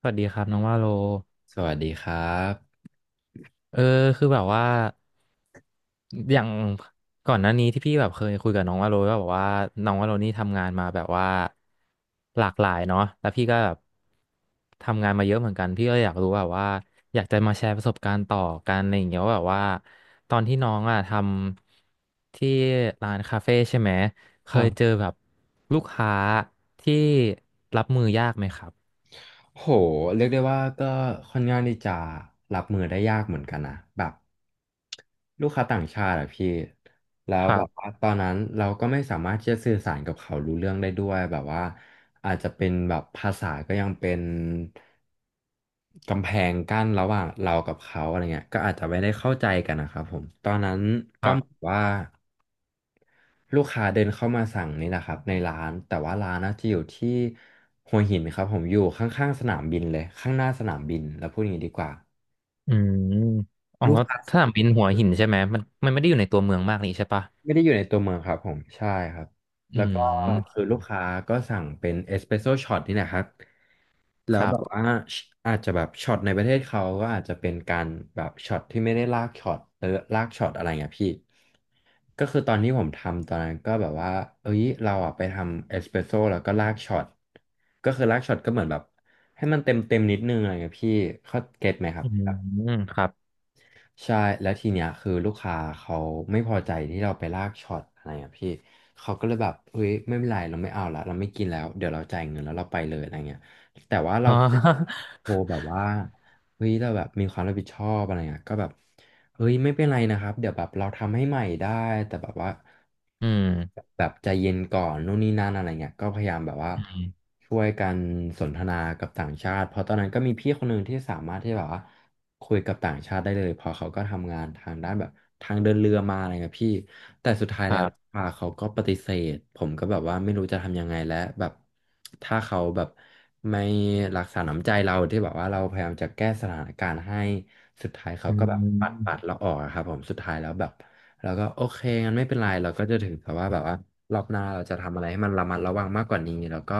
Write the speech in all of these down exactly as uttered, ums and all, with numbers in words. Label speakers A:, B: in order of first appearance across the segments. A: สวัสดีครับน้องว่าโล
B: สวัสดีครับ
A: เออคือแบบว่าอย่างก่อนหน้านี้ที่พี่แบบเคยคุยกับน้องว่าโลก็แบบว่าน้องว่าโลนี่ทำงานมาแบบว่าหลากหลายเนาะแล้วพี่ก็แบบทำงานมาเยอะเหมือนกันพี่ก็อยากรู้แบบว่าอยากจะมาแชร์ประสบการณ์ต่อกันอะไรอย่างเงี้ยว่าแบบว่าตอนที่น้องอ่ะทำที่ร้านคาเฟ่ใช่ไหมเค
B: ครั
A: ยเจอ
B: บ
A: แบบลูกค้าที่รับมือยากไหมครับ
B: โหเรียกได้ว่าก็ค่อนข้างที่จะรับมือได้ยากเหมือนกันนะแบบลูกค้าต่างชาติอะพี่แล้
A: ค
B: ว
A: รั
B: แบบว่า
A: บ
B: ตอนนั้นเราก็ไม่สามารถที่จะสื่อสารกับเขารู้เรื่องได้ด้วยแบบว่าอาจจะเป็นแบบภาษาก็ยังเป็นกำแพงกั้นระหว่างเรากับเขาอะไรเงี้ยก็อาจจะไม่ได้เข้าใจกันนะครับผมตอนนั้น
A: ค
B: ก็
A: รับ
B: เหมือนว่า ลูกค้าเดินเข้ามาสั่งนี่แหละครับในร้านแต่ว่าร้านนะจะอยู่ที่หัวหินครับผมอยู่ข้างๆสนามบินเลยข้างหน้าสนามบินแล้วพูดอย่างนี้ดีกว่า
A: อืมอ๋อ
B: ลูกค้า
A: ถ้าเป็นหัวหินใช่ไหมมันมันไม่ได้อยู่ในตัวเมืองมากนี่ใช่ปะ
B: ไม่ได้อยู่ในตัวเมืองครับผมใช่ครับ
A: อื
B: แล้วก็คือ
A: ม
B: ลูกค้าก็สั่งเป็นเอสเปรสโซช็อตนี่แหละครับ แล้
A: ค
B: ว
A: รั
B: แบบ
A: บ
B: ว่าอาจจะแบบช็อตในประเทศเขาก็อาจจะเป็นการแบบช็อตที่ไม่ได้ลากช็อตเออลากช็อตอะไรเงี้ยพี่ก็คือตอนที่ผมทำตอนนั้นก็แบบว่าเอ้ยเราอ่ะไปทำเอสเปรสโซ่แล้วก็ลากช็อตก็คือลากช็อตก็เหมือนแบบให้มันเต็มเต็มนิดนึงอะไรเงี้ยพี่เขาเก็ตไหมครับ
A: อืมครับ
B: ใช่แล้วทีเนี้ยคือลูกค้าเขาไม่พอใจที่เราไปลากช็อตอะไรอ่ะพี่เขาก็เลยแบบเฮ้ยไม่เป็นไรเราไม่เอาละเราไม่กินแล้วเดี๋ยวเราจ่ายเงินแล้วเราไปเลยอะไรเงี้ยแต่ว่า เรา
A: อ๋อ
B: โทรแบบว่าเฮ้ยเราแบบมีความรับผิดชอบอะไรเงี้ยก็แบบเฮ้ยไม่เป็นไรนะครับเดี๋ยวแบบเราทำให้ใหม่ได้แต่แบบว่า
A: อืม
B: แบบใจเย็นก่อนนู่นนี่นั่นอะไรเงี้ยก็พยายามแบบว่า
A: อืม
B: ช่วยกันสนทนากับต่างชาติเพราะตอนนั้นก็มีพี่คนหนึ่งที่สามารถที่แบบว่า คุยกับต่างชาติได้เลยเพอเขาก็ทำงานทางด้านแบบทางเดินเรือมาอะไรเงี้ยพี่แต่สุดท้าย
A: ค
B: แล้
A: รั
B: ว
A: บ
B: อ่าเขาก็ปฏิเสธผมก็แบบว่าไม่รู้จะทำยังไงแล้วแบบถ้าเขาแบบไม่รักษาน้ำใจเราที่แบบว่าเราพยายามจะแก้สถานการณ์ให้สุดท้ายเขา
A: อื
B: ก็แบบปัดปัด
A: ม
B: เราออกอะครับผมสุดท้ายแล้วแบบ แล้วก็โอเคงั้นไม่เป็นไรเราก็จะถือแต่ว่าแบบว่ารอบหน้าเราจะทำอะไรให้มันระมัดระวังมากกว่านี้แล้วก็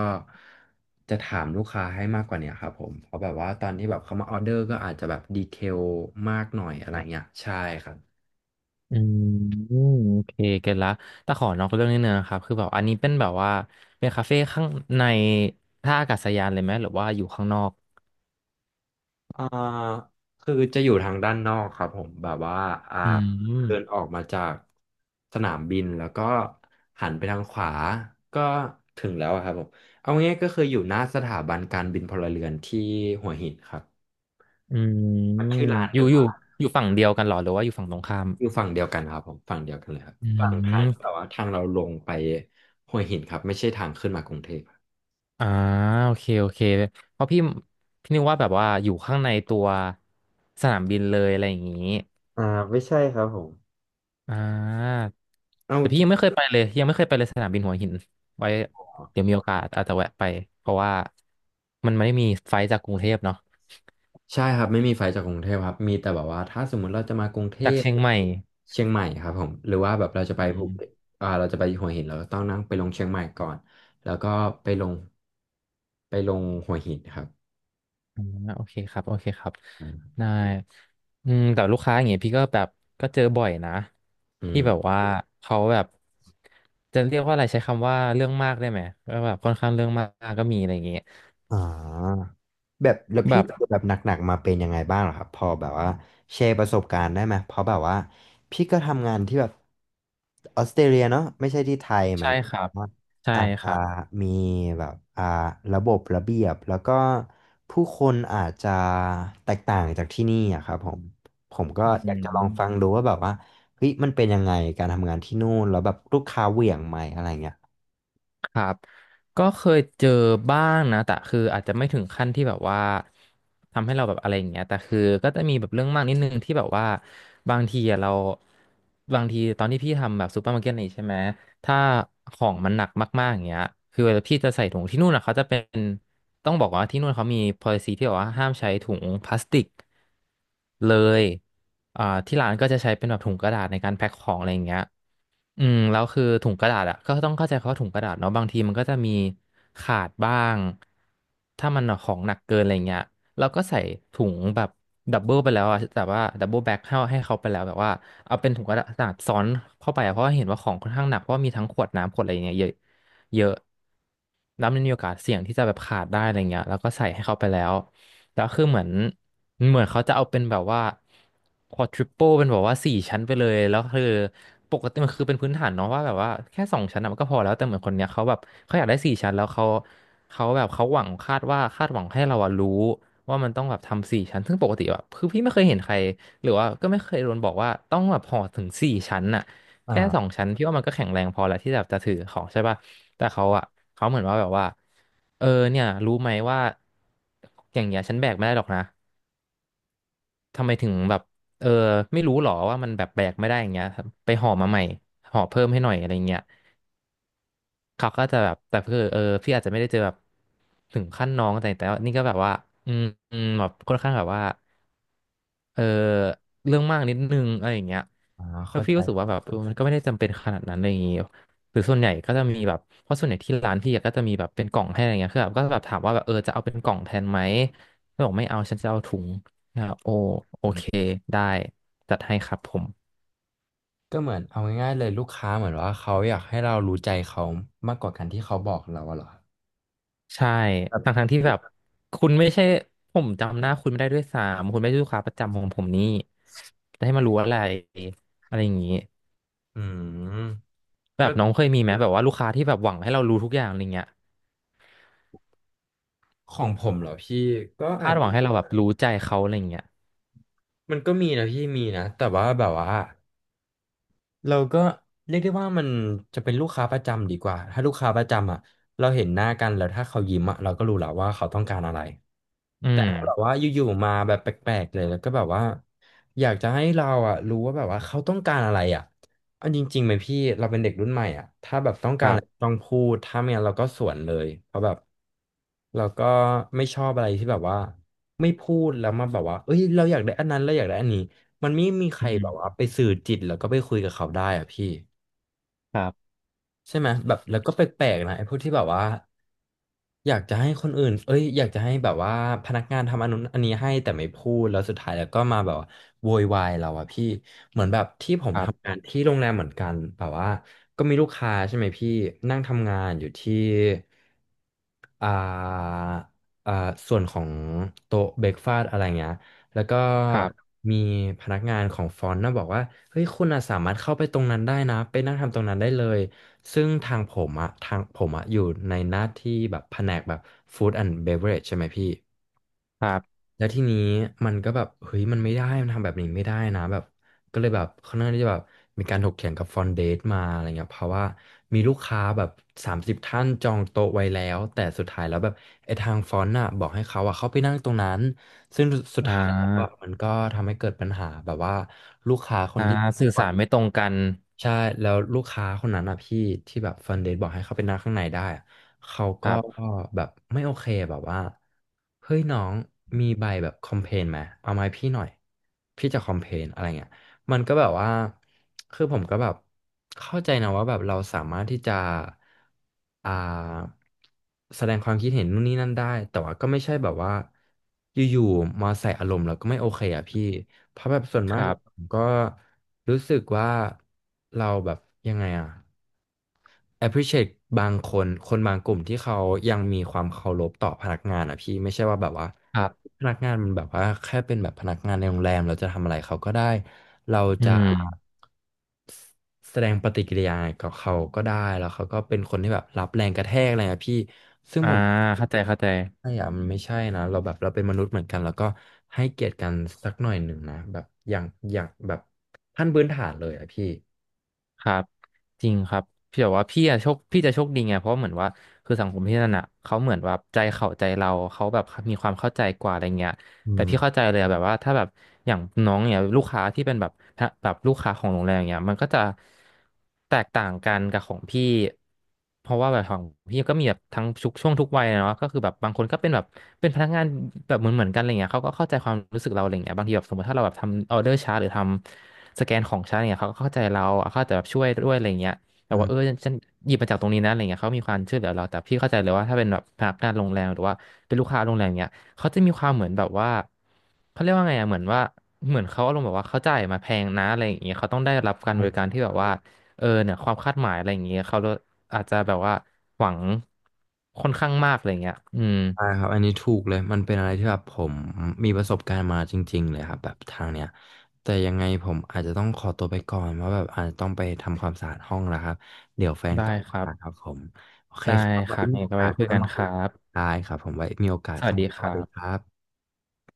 B: จะถามลูกค้าให้มากกว่าเนี้ยครับผมเพราะแบบว่าตอนที่แบบเขามาออเดอร์ก็อาจจะแบบดีเทลมากหน่อยอะไรเงี้ยใช่ครับ
A: อืมอืมโอเคเก็ตละแต่ขอนอกเรื่องนิดนึงนะครับคือแบบอันนี้เป็นแบบว่าเป็นคาเฟ่ข้างในท่าอากาศยานเลยไหมหรือว่าอยู่ข้างนอก
B: อ่าคือจะอยู่ทางด้านนอกครับผมแบบว่าอ่า
A: อื
B: เดิน
A: ม
B: ออกมาจากสนามบินแล้วก็หันไปทางขวาก็ถึงแล้วอะครับผมเอาง่ายๆก็คืออยู่หน้าสถาบันการบินพลเรือนที่หัวหินครับ
A: อืม
B: มันชื่อร้าน
A: อ
B: เด
A: ยู่
B: อ
A: อยู่
B: ะ
A: อยู่ฝั่งเดียวกันเหรอหรือว่าอยู่ฝั่งตรงข้าม
B: อยู่ฝั่งเดียวกันครับผมฝั่งเดียวกันเลยครับ
A: อื
B: ฝั่งทางที่แบ
A: ม
B: บว่าทางเราลงไปห้วยหินครับไม่ใช่ทางขึ้นมากรุงเทพครับ
A: อ่าโอเคโอเคเพราะพี่พี่นึกว่าแบบว่าอยู่ข้างในตัวสนามบินเลยอะไรอย่างนี้
B: อ่าไม่ใช่ครับผม
A: อ่า
B: เอา
A: แต่
B: จ
A: พี่
B: ริง
A: ยังไม่เคยไปเลยยังไม่เคยไปเลยสนามบินหัวหินไว้
B: เหรอ
A: เดี๋ยวมีโอกาสอาจจะแวะไปเพราะว่ามันไม่มีไฟล์จากกรุงเทพเนาะ
B: ใช่ครับไม่มีไฟจากกรุงเทพครับมีแต่แบบว่าถ้าสมมุติเราจะมากรุงเท
A: จาก
B: พ
A: เชียงใหม่
B: เชียงใหม่ครับผมหรือว่าแบบเราจะไปภูเก็ตอ่าเราจะไปหัวหินเราก็ต้องนั่งไปลงเชียงใหม่ก่อนแล้วก็ไปลงไปลงหัวหินครับ
A: อ่าโอเคครับโอเคครับได้อืมแต่ลูกค้าอย่างเงี้ยพี่ก็แบบก็เจอบ่อยนะ
B: อื
A: ที่แบบ
B: ม
A: ว่าเขาแบบจะเรียกว่าอะไรใช้คำว่าเรื่องมากได้ไหมก็แบบค่อนข้างเรื่องมากก็มีอะไรอย่างเงี้ย
B: อ่า แบบแล้วพี่
A: แบบ
B: เจอแบบหนักๆมาเป็นยังไงบ้างเหรอครับพอแบบว่าแชร์ประสบการณ์ได้ไหมเพราะแบบว่าพี่ก็ทำงานที่แบบออสเตรเลียเนาะไม่ใช่ที่ไทยมั
A: ใช่
B: นก็
A: ครับ
B: ว่า
A: ใช่
B: อาจ
A: ค
B: จะ
A: รับ
B: มีแบบอ่าระบบระเบียบแล้วก็ผู้คนอาจจะแตกต่างจากที่นี่อะครับผมผมก็
A: อื
B: อยากจะลองฟัง
A: ม
B: ดูว่าแบบว่าเฮ้ยมันเป็นยังไงการทำงานที่นู่นแล้วแบบลูกค้าเหวี่ยงไหมอะไรเงี้ย
A: ครับก็เคยเจอบ้างนะแต่คืออาจจะไม่ถึงขั้นที่แบบว่าทำให้เราแบบอะไรอย่างเงี้ยแต่คือก็จะมีแบบเรื่องมากนิดนึงที่แบบว่าบางทีอะเราบางทีตอนที่พี่ทำแบบซูเปอร์มาร์เก็ตนี่ใช่ไหมถ้าของมันหนักมากๆอย่างเงี้ยคือเวลาพี่จะใส่ถุงที่นู่นอะเขาจะเป็นต้องบอกว่าที่นู่นเขามี policy ที่บอกว่าห้ามใช้ถุงพลาสติกเลยอ่าที่ร้านก็จะใช้เป็นแบบถุงกระดาษในการแพ็คของอะไรอย่างเงี้ย อืมแล้วคือถุงกระดาษอ่ะก็ต้องเข้าใจเขาว่าถุงกระดาษเนาะบางทีมันก็จะมีขาดบ้างถ้ามันของหนักเกินอะไรเงี้ยเราก็ใส่ถุงแบบดับเบิลไปแล้วอะแต่ว่าดับเบิลแบ็คให้ให้เขาไปแล้วแบบว่าเอาเป็นถุงกระดาษซ้อนเข้าไปอะเพราะว่าเห็นว่าของค่อนข้างหนักเพราะว่ามีทั้งขวดน้ำขวดอะไรงเงี้ยเยอะเยอะ แล้วมันมีโอกาสเสี่ยงที่จะแบบขาดได้อะไรเงี้ยแล้วก็ใส่ให้เขาไปแล้วแล้วคือเหมือนเหมือนเขาจะเอาเป็นแบบว่า quadruple เป็นแบบว่าสี่ชั้นไปเลยแล้วคือปกติมันคือเป็นพื้นฐานเนาะว่าแบบว่าแค่สองชั้นอะมันก็พอแล้วแต่เหมือนคนเนี้ยเขาแบบเขาอยากได้สี่ชั้นแล้วเขาเขาแบบเขาหวังคาดว่าคาดหวังให้เราอะรู้ว่ามันต้องแบบทำสี่ชั้นซึ่งปกติแบบคือพี่ไม่เคยเห็นใครหรือว่าก็ไม่เคยโดนบอกว่าต้องแบบห่อถึงสี่ชั้นอะ
B: อ่
A: แค่สอง
B: า
A: ชั้นพี่ว่ามันก็แข็งแรงพอแล้วที่แบบจะถือของใช่ป่ะแต่เขาอะเขาเหมือนว่าแบบว่าเออเนี่ยรู้ไหมว่าอย่างเงี้ยฉันแบกไม่ได้หรอกนะทำไมถึงแบบเออไม่รู้หรอว่ามันแบบแบกไม่ได้อย่างเงี้ยครับไปห่อมาใหม่ห่อเพิ่มให้หน่อยอะไรเงี้ยเขาก็จะแบบแต่คือเออพี่อาจจะไม่ได้เจอแบบถึงขั้นน้องแต่แต่ว่านี่ก็แบบว่าอืมอืมแบบค่อนข้างแบบว่า เออเรื่องมากนิดนึงอะไรอย่างเงี้ย
B: อ่า
A: แล้ว
B: เข้า
A: พี่
B: ใจ
A: ก็รู้สึกว่าแบบเออมันก็ไม่ได้จำเป็นขนาดนั้นอะไรอย่างเงี้ยหรือส่วนใหญ่ก็จะมีแบบเพราะส่วนใหญ่ที่ร้านพี่อะก็จะมีแบบเป็นกล่องให้อะไรเงี้ยคือแบบก็แบบถามว่าแบบเออจะเอาเป็นกล่องแทนไหมก็บอกไม่เอาฉันจะเอาถุงนะครับโอโอเคได้จัดให้ครับผม
B: ก็เหมือนเอาง่ายๆเลยลูกค้าเหมือนว่าเขาอยากให้เรารู้ใจเขามากกว่าการที่เขาบอกเราอะเหรอ
A: ใช่
B: ครั
A: ทั้ง
B: บ
A: ทั้งที่แบบคุณไม่ใช่ผมจำหน้าคุณไม่ได้ด้วยซ้ำคุณไม่ใช่ลูกค้าประจำของผมนี่จะให้มารู้อะไรอะไรอย่างงี้
B: อืม
A: แบ
B: ก็
A: บน้องเคยมีไหมแบบว่าลูกค้าที่แบบหวังให้เรารู้ทุกอย่างอะไรเงี้ย
B: ของผมเหรอพี่ก็อา
A: คา
B: จ
A: ดหวังให้เราแบบรู้ใจเขาอะไรอย่างเงี้ย
B: มันก็มีนะพี่มีนะแต่ว่าแบบว่าเราก็เรียกได้ว่ามันจะเป็นลูกค้าประจำดีกว่าถ้าลูกค้าประจำอ่ะเราเห็นหน้ากันแล้วถ้าเขายิ้มอ่ะเราก็รู้แล้วว่าเขาต้องการอะไร
A: อื
B: แต่
A: ม
B: ถ้าแบบว่าอยู่ๆมาแบบแปลกๆเลยแล้วก็แบบว่าอยากจะให้เราอ่ะรู้ว่าแบบว่าเขาต้องการอะไรอ่ะเอาจริงๆไหมพี่เราเป็นเด็กรุ่นใหม่อ่ะถ้าแบบต้อง
A: ค
B: การ
A: รั
B: อะไร
A: บ
B: ต้องพูดถ้าไม่งั้นเราก็สวนเลยเพราะแบบเราก็ไม่ชอบอะไรที่แบบว่าไม่พูดแล้วมาแบบว่าเอ้ยเราอยากได้อันนั้นเราอยากได้อันนี้มันไม่มีใค
A: อื
B: รแบบว่า
A: ม
B: ไปสื่อจิตแล้วก็ไปคุยกับเขาได้อ่ะพี่
A: ครับ
B: ใช่ไหมแบบแล้วก็แปลกๆนะไอ้พวกที่แบบว่า อยากจะให้คนอื่นเอ้ยอยากจะให้แบบว่าพนักงานทำอันนู้นอันนี้ให้แต่ไม่พูดแล้วสุดท้ายแล้วก็มาแบบว่าโวยวายเราอะพี่เหมือนแบบที่ผม
A: ครั
B: ทำ
A: บ
B: งานที่โรงแรมเหมือนกันแบบว่าก็มีลูกค้าใช่ไหมพี่นั่งทำงานอยู่ที่ อ่าอ่าส่วนของโต๊ะเบรกฟาสอะไรเงี้ยแล้วก็
A: ครับ
B: มีพนักงานของฟอนต์นะบอกว่าเฮ้ยคุณอะสามารถเข้าไปตรงนั้นได้นะไปนั่งทำตรงนั้นได้เลยซึ่งทางผมอะทางผมอะอยู่ในหน้าที่แบบแผนกแบบฟู้ดแอนด์เบเวอเรจใช่ไหมพี่
A: ครับ
B: แล้วทีนี้มันก็แบบเฮ้ยมันไม่ได้มันทำแบบนี้ไม่ได้นะแบบก็เลยแบบค่อนข้างที่จะแบบมีการถกเถียงกับฟอนเดตมาอะไรเงี้ยเพราะว่ามีลูกค้าแบบสามสิบท่านจองโต๊ะไว้แล้วแต่สุดท้ายแล้วแบบไอ้ทางฟอนต์น่ะบอกให้เขาอะเข้าไปนั่งตรงนั้นซึ่งสุด
A: อ่
B: ท้ายแล้วอะ
A: า
B: มันก็ทำให้เกิดปัญหาแบบว่าลูกค้าคน
A: อ่า
B: ที่
A: สื่อสารไม่ตรงกัน
B: ใช่แล้วลูกค้าคนนั้นอะพี่ที่แบบเฟิร์นเดทบอกให้เขาไปนั่งข้างในได้อะเขา
A: ค
B: ก็
A: รับ
B: แบบไม่โอเคแบบว่าเฮ้ยน้องมีใบแบบคอมเพลนไหมเอามาให้พี่หน่อยพี่จะคอมเพลนอะไรเงี้ย มันก็แบบว่า คือผมก็แบบเข้าใจนะว่าแบบเราสามารถที่จะอ่าแสดงความคิดเห็นนู่นนี่นั่นได้ แต่ว่าก็ไม่ใช่แบบว่าอยู่ๆมาใส่อารมณ์แล้วก็ไม่โอเคอ่ะพี่ เพราะแบบส่วน
A: ค
B: มาก
A: รั
B: ผ
A: บ
B: มก็รู้สึกว่าเราแบบยังไงอ่ะ appreciate บางคนคนบางกลุ่มที่เขายังมีความเคารพต่อพนักงานอ่ะพี่ไม่ใช่ว่าแบบว่า
A: ครับ
B: พนักงานมันแบบว่าแค่เป็นแบบพนักงานในโรงแรมเราจะทำอะไรเขาก็ได้เรา
A: อื
B: จะ
A: ม
B: แสดงปฏิกิริยากับเขาก็ได้แล้วเขาก็เป็นคนที่แบบรับแรงกระแทกอะไรอะพี่ซึ่ง
A: อ่า
B: ผม
A: เข้าใจเข้าใจ
B: ไม่อะมันไม่ใช่นะเราแบบเราเป็นมนุษย์เหมือนกันแล้วก็ให้เกียรติกันสักหน่อยหนึ่งนะแบบอย่างอย่างแบบขั้นพื้นฐานเลยอะพี่
A: ครับจริงครับพี่บอกว่าพี่อะโชคพี่จะโชคดีไง เพราะเหมือนว่าคือสังคมพี่นั่นอะเขาเหมือนว่าใจเขาใจเราเขาแบบมีความเข้าใจกว่าอะไรเงี้ย
B: อื
A: แต่พี่เข้า
B: ม
A: ใจเลยอะแบบว่าถ้าแบบอย่างน้องเนี่ยลูกค้าที่เป็นแบบฮะแบบลูกค้าของโรงแรมเนี่ยมันก็จะแตกต่างกันกับของพี่เพราะว่าแบบของพี่ก็มีแบบทั้งทุกช่วงทุกวัยอะเนาะก็คือแบบบางคนก็เป็นแบบเป็นพนักงานแบบเหมือนเหมือนกันอะไรเงี้ยเขาก็เข้าใจความรู้สึกเราอะไรเงี้ยบางทีแบบสมมติถ้าเราแบบทำออเดอร์ช้าร์หรือทำสแกนของช้าร์ตเนี่ยเขาก็เข้าใจเราเขาอาจจะแบบช่วยด้วยอะไรเงี้ยแต่
B: อื
A: ว่าเออ
B: ม
A: ฉันหยิบมาจากตรงนี้นะอะไรเงี้ยเขามีความช่วยเหลือเราแต่พี่เข้าใจเลยว่าถ้าเป็นแบบพนักงานโรงแรมหรือว่าเป็นลูกค้าโรงแรมเนี้ย เขาจะมีความเหมือนแบบว่าเขาเรียกว่าไงอะเหมือนว่าเหมือนเขาอารมณ์แบบว่าเขาจ่ายมาแพงนะอะไรอย่างเงี้ยเขาต้องได้รับการบริการ
B: ใช่
A: ที่แบบว่าเออเนี่ยความคาดหมายอะไรอย่างเงี้ยเขาอาจจะแบบว่าหวังค่อนข้างมากอะไรอย่างเงี้ยอืม
B: ใช่ครับอันนี้ถูกเลยมันเป็นอะไรที่แบบผมมีประสบการณ์มาจริงๆเลยครับแบบทางเนี้ยแต่ยังไงผมอาจจะต้องขอตัวไปก่อนเพราะแบบอาจจะต้องไปทำความสะอาดห้องแล้วครับเดี๋ยวแฟน
A: ได้
B: กลับ
A: ค
B: มา
A: รับ
B: ครับผมโอเค
A: ได้
B: ครับ
A: ค
B: ไว้
A: รับ
B: มี
A: งั้
B: โอ
A: นก็
B: กา
A: ไว้
B: ส
A: คุย
B: ค่อย
A: กัน
B: มา
A: ค
B: คุย
A: รับ
B: ได้ครับผมไว้มีโอกาส
A: สวั
B: เข้า
A: สดี
B: มา
A: ค
B: สวั
A: รั
B: สดีค
A: บ
B: รับ